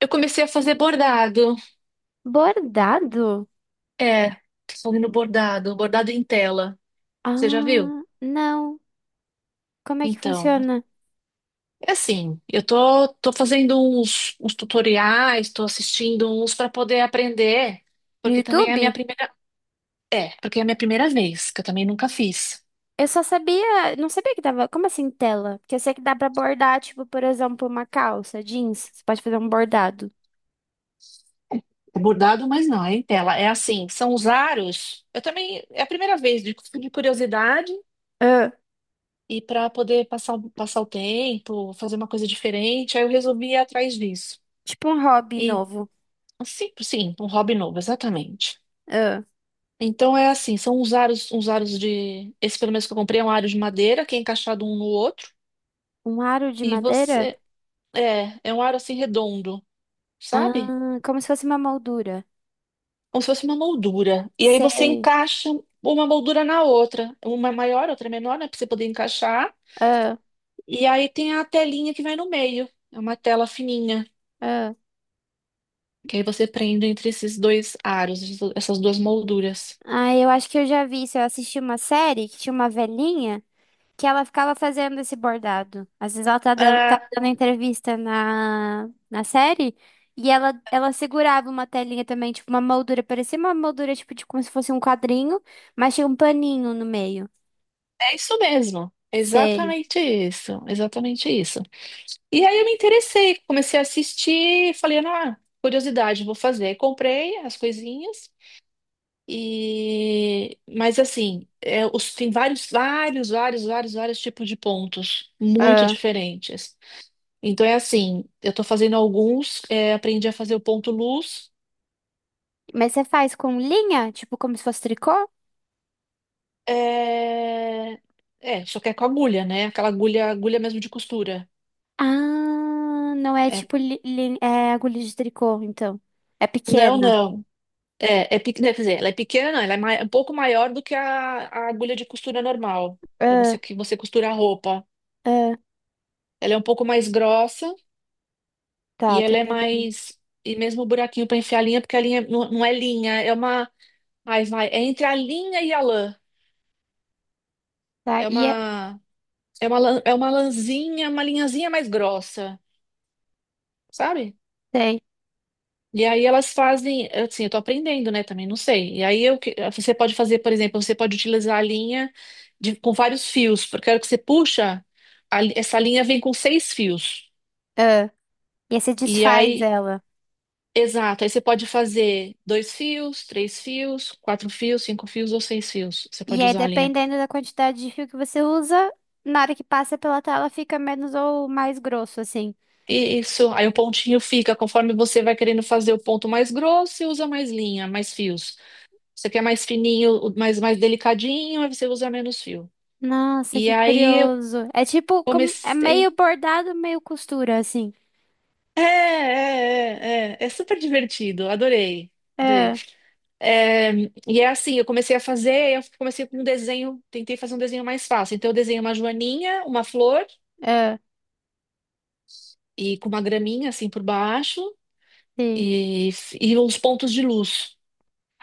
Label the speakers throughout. Speaker 1: Eu comecei a fazer bordado.
Speaker 2: Bordado?
Speaker 1: É, tô fazendo bordado, bordado em tela. Você já viu?
Speaker 2: Ah, não. Como é que
Speaker 1: Então,
Speaker 2: funciona?
Speaker 1: é assim, eu tô fazendo uns tutoriais, tô assistindo uns para poder aprender,
Speaker 2: No
Speaker 1: porque também é a minha
Speaker 2: YouTube?
Speaker 1: primeira, é, porque é a minha primeira vez, que eu também nunca fiz.
Speaker 2: Eu só sabia, não sabia que dava. Como assim tela? Porque eu sei que dá pra bordar, tipo, por exemplo, uma calça, jeans. Você pode fazer um bordado.
Speaker 1: É bordado, mas não, é em tela. É assim, são os aros. Eu também, é a primeira vez, de curiosidade
Speaker 2: Ah,
Speaker 1: e para poder passar, passar o tempo, fazer uma coisa diferente, aí eu resolvi ir atrás disso.
Speaker 2: tipo um hobby
Speaker 1: E
Speaker 2: novo.
Speaker 1: Sim, sim, um hobby novo, exatamente.
Speaker 2: Ah,
Speaker 1: Então é assim, são uns aros de. Esse pelo menos que eu comprei é um aro de madeira que é encaixado um no outro.
Speaker 2: um aro de
Speaker 1: E
Speaker 2: madeira?
Speaker 1: você. É, é um aro assim redondo, sabe?
Speaker 2: Ah, como se fosse uma moldura.
Speaker 1: Como se fosse uma moldura. E aí você
Speaker 2: Sei.
Speaker 1: encaixa uma moldura na outra. Uma é maior, outra é menor, né? Pra você poder encaixar.
Speaker 2: Ah,
Speaker 1: E aí tem a telinha que vai no meio. É uma tela fininha.
Speaker 2: ah.
Speaker 1: Que aí você prende entre esses dois aros, essas duas molduras.
Speaker 2: Ah, eu acho que eu já vi isso. Eu assisti uma série que tinha uma velhinha, que ela ficava fazendo esse bordado. Às vezes ela tá da-
Speaker 1: Ah,
Speaker 2: tava dando entrevista na série e ela segurava uma telinha também, tipo uma moldura, parecia uma moldura tipo de como se fosse um quadrinho, mas tinha um paninho no meio.
Speaker 1: é isso mesmo.
Speaker 2: Sei.
Speaker 1: Exatamente isso. Exatamente isso. E aí eu me interessei, comecei a assistir, falei, ah, curiosidade, vou fazer. Aí comprei as coisinhas e mas assim, é, tem vários, vários, vários, vários, vários tipos de pontos muito
Speaker 2: Ah.
Speaker 1: diferentes. Então é assim, eu tô fazendo alguns, é, aprendi a fazer o ponto luz.
Speaker 2: Mas você faz com linha, tipo como se fosse tricô?
Speaker 1: É... é, só que é com agulha, né? Aquela agulha, agulha mesmo de costura.
Speaker 2: Ah, não é
Speaker 1: É,
Speaker 2: tipo li, li- é agulha de tricô, então. É
Speaker 1: não,
Speaker 2: pequena.
Speaker 1: não. É, é, quer dizer, ela é pequena, ela é um pouco maior do que a agulha de costura normal, para você
Speaker 2: Ah,
Speaker 1: que você costura a roupa.
Speaker 2: ah,
Speaker 1: Ela é um pouco mais grossa
Speaker 2: tá,
Speaker 1: e
Speaker 2: tô
Speaker 1: ela é
Speaker 2: entendendo.
Speaker 1: mais. E mesmo o buraquinho para enfiar a linha, porque a linha não é linha, é uma. Ai, vai, é entre a linha e a lã.
Speaker 2: Tá,
Speaker 1: É
Speaker 2: e é,
Speaker 1: uma. É uma, é uma lãzinha, uma linhazinha mais grossa, sabe?
Speaker 2: sei.
Speaker 1: E aí elas fazem, assim, eu tô aprendendo, né, também, não sei. E aí eu, você pode fazer, por exemplo, você pode utilizar a linha com vários fios, porque a hora que você puxa, essa linha vem com 6 fios.
Speaker 2: Ah, e aí você
Speaker 1: E
Speaker 2: desfaz
Speaker 1: aí,
Speaker 2: ela.
Speaker 1: exato, aí você pode fazer 2 fios, 3 fios, 4 fios, 5 fios ou 6 fios. Você
Speaker 2: E
Speaker 1: pode
Speaker 2: aí,
Speaker 1: usar a linha.
Speaker 2: dependendo da quantidade de fio que você usa, na hora que passa pela tela fica menos ou mais grosso, assim.
Speaker 1: E isso, aí o pontinho fica, conforme você vai querendo fazer o ponto mais grosso, você usa mais linha, mais fios. Você quer mais fininho, mais, mais delicadinho, aí você usa menos fio.
Speaker 2: Nossa,
Speaker 1: E
Speaker 2: que
Speaker 1: aí
Speaker 2: curioso. É tipo, como, é meio
Speaker 1: Comecei.
Speaker 2: bordado, meio costura, assim.
Speaker 1: É super divertido, adorei, adorei.
Speaker 2: É,
Speaker 1: É, e é assim, eu comecei a fazer, eu comecei com um desenho, tentei fazer um desenho mais fácil. Então eu desenhei uma joaninha, uma flor
Speaker 2: é,
Speaker 1: e com uma graminha assim por baixo
Speaker 2: sim.
Speaker 1: e, e uns pontos de luz.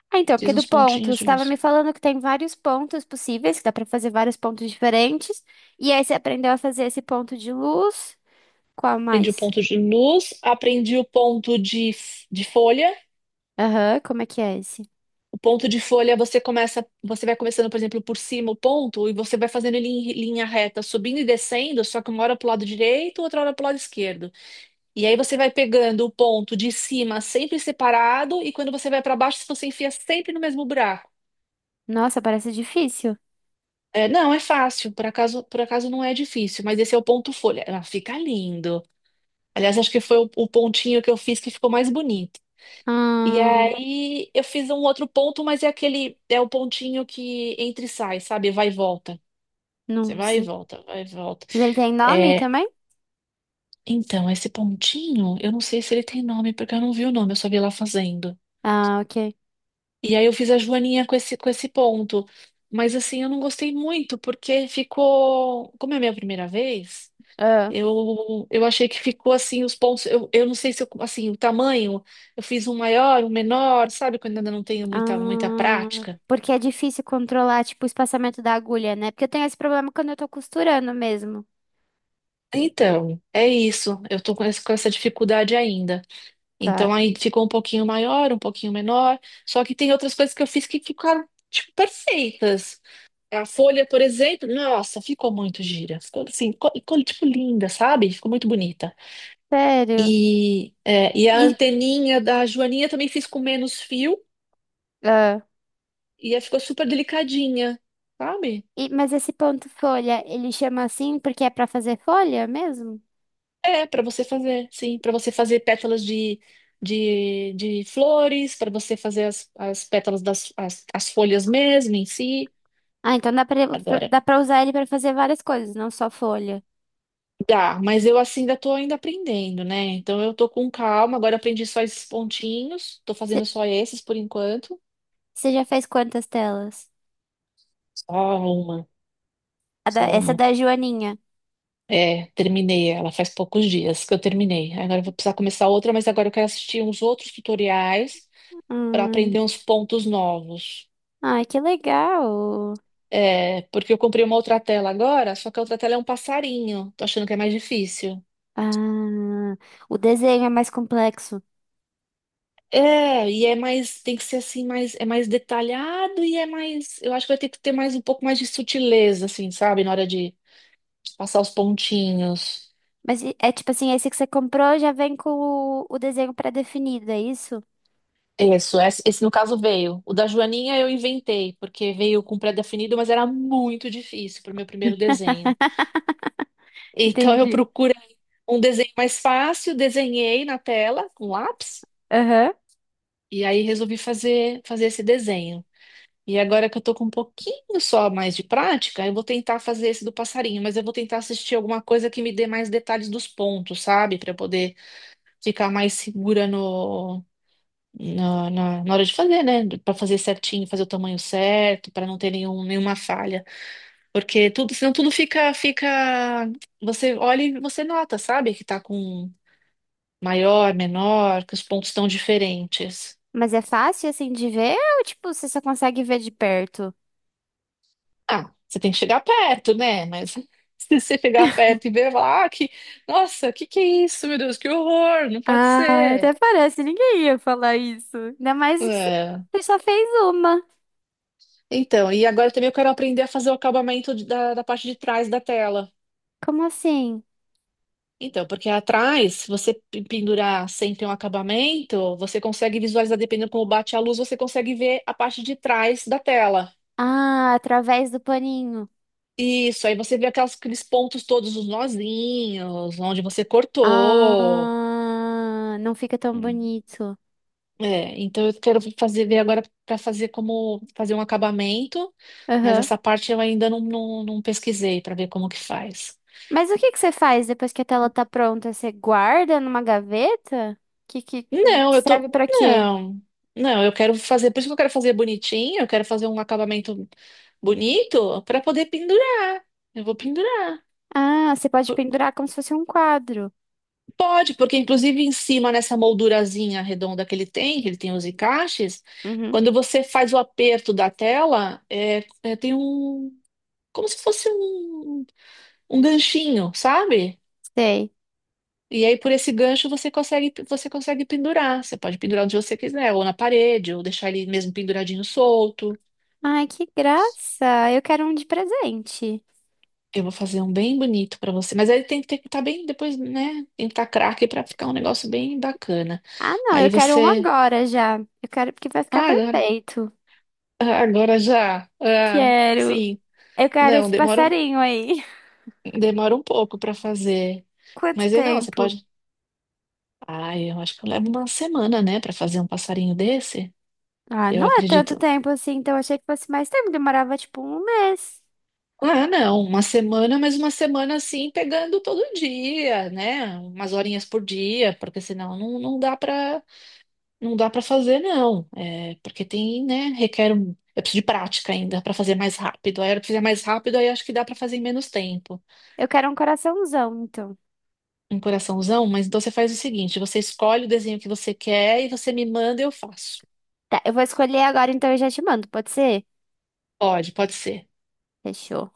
Speaker 2: Ah, então,
Speaker 1: Fiz
Speaker 2: porque do
Speaker 1: uns
Speaker 2: ponto, você
Speaker 1: pontinhos de
Speaker 2: estava
Speaker 1: luz.
Speaker 2: me falando que tem vários pontos possíveis, que dá pra fazer vários pontos diferentes. E aí você aprendeu a fazer esse ponto de luz. Qual
Speaker 1: Aprendi o
Speaker 2: mais?
Speaker 1: ponto de luz, aprendi o ponto de folha.
Speaker 2: Aham, como é que é esse?
Speaker 1: O ponto de folha você começa, você vai começando, por exemplo, por cima o ponto e você vai fazendo ele em linha reta, subindo e descendo, só que uma hora para o lado direito, outra hora para o lado esquerdo. E aí você vai pegando o ponto de cima sempre separado e quando você vai para baixo, você enfia sempre no mesmo buraco.
Speaker 2: Nossa, parece difícil.
Speaker 1: É, não, é fácil, por acaso não é difícil, mas esse é o ponto folha. Ah, fica lindo. Aliás, acho que foi o pontinho que eu fiz que ficou mais bonito. E
Speaker 2: Hum,
Speaker 1: aí eu fiz um outro ponto, mas é aquele, é o pontinho que entra e sai, sabe? Vai e volta. Você
Speaker 2: não
Speaker 1: vai e
Speaker 2: sei.
Speaker 1: volta, vai e volta.
Speaker 2: Mas ele tem nome
Speaker 1: É,
Speaker 2: também?
Speaker 1: então, esse pontinho, eu não sei se ele tem nome, porque eu não vi o nome, eu só vi lá fazendo.
Speaker 2: Ah, ok.
Speaker 1: E aí eu fiz a joaninha com esse ponto. Mas assim, eu não gostei muito, porque ficou. Como é a minha primeira vez,
Speaker 2: Ah,
Speaker 1: eu achei que ficou assim, os pontos. Eu não sei se eu, assim, o tamanho, eu fiz um maior, um menor, sabe? Quando ainda não tenho muita, muita
Speaker 2: ah,
Speaker 1: prática.
Speaker 2: porque é difícil controlar, tipo, o espaçamento da agulha, né? Porque eu tenho esse problema quando eu tô costurando mesmo.
Speaker 1: Então, é isso. Eu tô com com essa dificuldade ainda.
Speaker 2: Tá.
Speaker 1: Então aí ficou um pouquinho maior, um pouquinho menor. Só que tem outras coisas que eu fiz que ficaram, tipo, perfeitas. A folha, por exemplo, nossa, ficou muito gira. Ficou assim, tipo, linda, sabe? Ficou muito bonita.
Speaker 2: Sério?
Speaker 1: E, é, e a
Speaker 2: E,
Speaker 1: anteninha da Joaninha também fiz com menos fio
Speaker 2: ah,
Speaker 1: e aí ficou super delicadinha, sabe?
Speaker 2: e, mas esse ponto folha, ele chama assim porque é pra fazer folha mesmo?
Speaker 1: É, para você fazer, sim, para você fazer pétalas de flores, para você fazer as, as pétalas das as, as folhas mesmo em si.
Speaker 2: Ah, então dá pra, pra-
Speaker 1: Agora,
Speaker 2: dá pra usar ele pra fazer várias coisas, não só folha.
Speaker 1: dá, mas eu assim ainda tô ainda aprendendo, né? Então eu tô com calma, agora aprendi só esses pontinhos, tô fazendo só esses por enquanto.
Speaker 2: Você já fez quantas telas?
Speaker 1: Só uma,
Speaker 2: A da-
Speaker 1: só
Speaker 2: essa
Speaker 1: uma.
Speaker 2: da Joaninha.
Speaker 1: É, terminei ela faz poucos dias que eu terminei. Agora eu vou precisar começar outra, mas agora eu quero assistir uns outros tutoriais para
Speaker 2: Ai,
Speaker 1: aprender uns pontos novos.
Speaker 2: ai, que legal.
Speaker 1: É, porque eu comprei uma outra tela agora, só que a outra tela é um passarinho. Tô achando que é mais difícil.
Speaker 2: Ah, o desenho é mais complexo.
Speaker 1: É, e é mais, tem que ser assim, mais, é mais detalhado e é mais, eu acho que vai ter que ter mais um pouco mais de sutileza, assim, sabe, na hora de passar os pontinhos.
Speaker 2: Mas e- é tipo assim, esse que você comprou já vem com o desenho pré-definido, é isso?
Speaker 1: Isso, esse no caso veio. O da Joaninha eu inventei, porque veio com pré-definido, mas era muito difícil para o meu primeiro desenho. Então eu
Speaker 2: Entendi.
Speaker 1: procurei um desenho mais fácil, desenhei na tela com lápis
Speaker 2: Aham.
Speaker 1: e aí resolvi fazer, fazer esse desenho. E agora que eu tô com um pouquinho só mais de prática, eu vou tentar fazer esse do passarinho, mas eu vou tentar assistir alguma coisa que me dê mais detalhes dos pontos, sabe? Para poder ficar mais segura no, na hora de fazer, né? Para fazer certinho, fazer o tamanho certo, para não ter nenhum, nenhuma falha. Porque tudo, senão tudo fica, fica. Você olha e você nota, sabe? Que tá com maior, menor, que os pontos estão diferentes.
Speaker 2: Mas é fácil assim de ver ou tipo, você só consegue ver de perto?
Speaker 1: Ah, você tem que chegar perto, né? Mas se você chegar perto e ver lá ah, que, nossa, que é isso, meu Deus, que horror, não pode
Speaker 2: Ah, até
Speaker 1: ser.
Speaker 2: parece, ninguém ia falar isso. Ainda mais que você
Speaker 1: É.
Speaker 2: você só fez uma.
Speaker 1: Então, e agora também eu quero aprender a fazer o acabamento da, da parte de trás da tela.
Speaker 2: Como assim?
Speaker 1: Então, porque atrás, se você pendurar sempre um acabamento, você consegue visualizar, dependendo como bate a luz, você consegue ver a parte de trás da tela.
Speaker 2: Ah, através do paninho.
Speaker 1: Isso, aí você vê aqueles pontos todos, os nozinhos, onde você cortou.
Speaker 2: Ah, não fica tão bonito.
Speaker 1: É, então eu quero fazer ver agora para fazer como fazer um acabamento, mas
Speaker 2: Aham.
Speaker 1: essa parte eu ainda não pesquisei para ver como que faz.
Speaker 2: Mas o que que você faz depois que a tela tá pronta? Você guarda numa gaveta? Que
Speaker 1: Não, eu tô.
Speaker 2: serve pra quê?
Speaker 1: Não, não, eu quero fazer, por isso que eu quero fazer bonitinho, eu quero fazer um acabamento bonito para poder pendurar. Eu vou pendurar.
Speaker 2: Ah, você pode
Speaker 1: P-
Speaker 2: pendurar como se fosse um quadro.
Speaker 1: Pode, porque inclusive em cima nessa moldurazinha redonda que ele tem os encaixes,
Speaker 2: Uhum,
Speaker 1: quando você faz o aperto da tela, é, é, tem um. Como se fosse um. Um ganchinho, sabe?
Speaker 2: sei.
Speaker 1: E aí por esse gancho você consegue pendurar. Você pode pendurar onde você quiser, ou na parede, ou deixar ele mesmo penduradinho solto.
Speaker 2: Ai, que graça! Eu quero um de presente.
Speaker 1: Eu vou fazer um bem bonito pra você, mas aí tem que ter que estar bem depois, né? Tem que estar craque pra ficar um negócio bem bacana.
Speaker 2: Ah, não, eu
Speaker 1: Aí
Speaker 2: quero um
Speaker 1: você,
Speaker 2: agora já. Eu quero porque vai ficar
Speaker 1: ah, agora,
Speaker 2: perfeito.
Speaker 1: ah, agora já, ah,
Speaker 2: Quero.
Speaker 1: sim,
Speaker 2: Eu quero
Speaker 1: não,
Speaker 2: esse
Speaker 1: demora,
Speaker 2: passarinho aí.
Speaker 1: demora um pouco pra fazer,
Speaker 2: Quanto
Speaker 1: mas aí não, você
Speaker 2: tempo?
Speaker 1: pode. Ah, eu acho que eu levo uma semana, né, pra fazer um passarinho desse.
Speaker 2: Ah,
Speaker 1: Eu
Speaker 2: não é tanto
Speaker 1: acredito,
Speaker 2: tempo assim, então achei que fosse mais tempo. Demorava tipo um mês.
Speaker 1: ah, não, uma semana, mas uma semana assim, pegando todo dia, né? Umas horinhas por dia, porque senão não, não dá para fazer não. É, porque tem, né, requer um, eu preciso de prática ainda para fazer mais rápido. Aí eu fizer mais rápido, aí acho que dá para fazer em menos tempo.
Speaker 2: Eu quero um coraçãozão, então.
Speaker 1: Um coraçãozão, mas então você faz o seguinte, você escolhe o desenho que você quer e você me manda e eu faço.
Speaker 2: Tá, eu vou escolher agora, então eu já te mando, pode ser?
Speaker 1: Pode, pode ser.
Speaker 2: Fechou.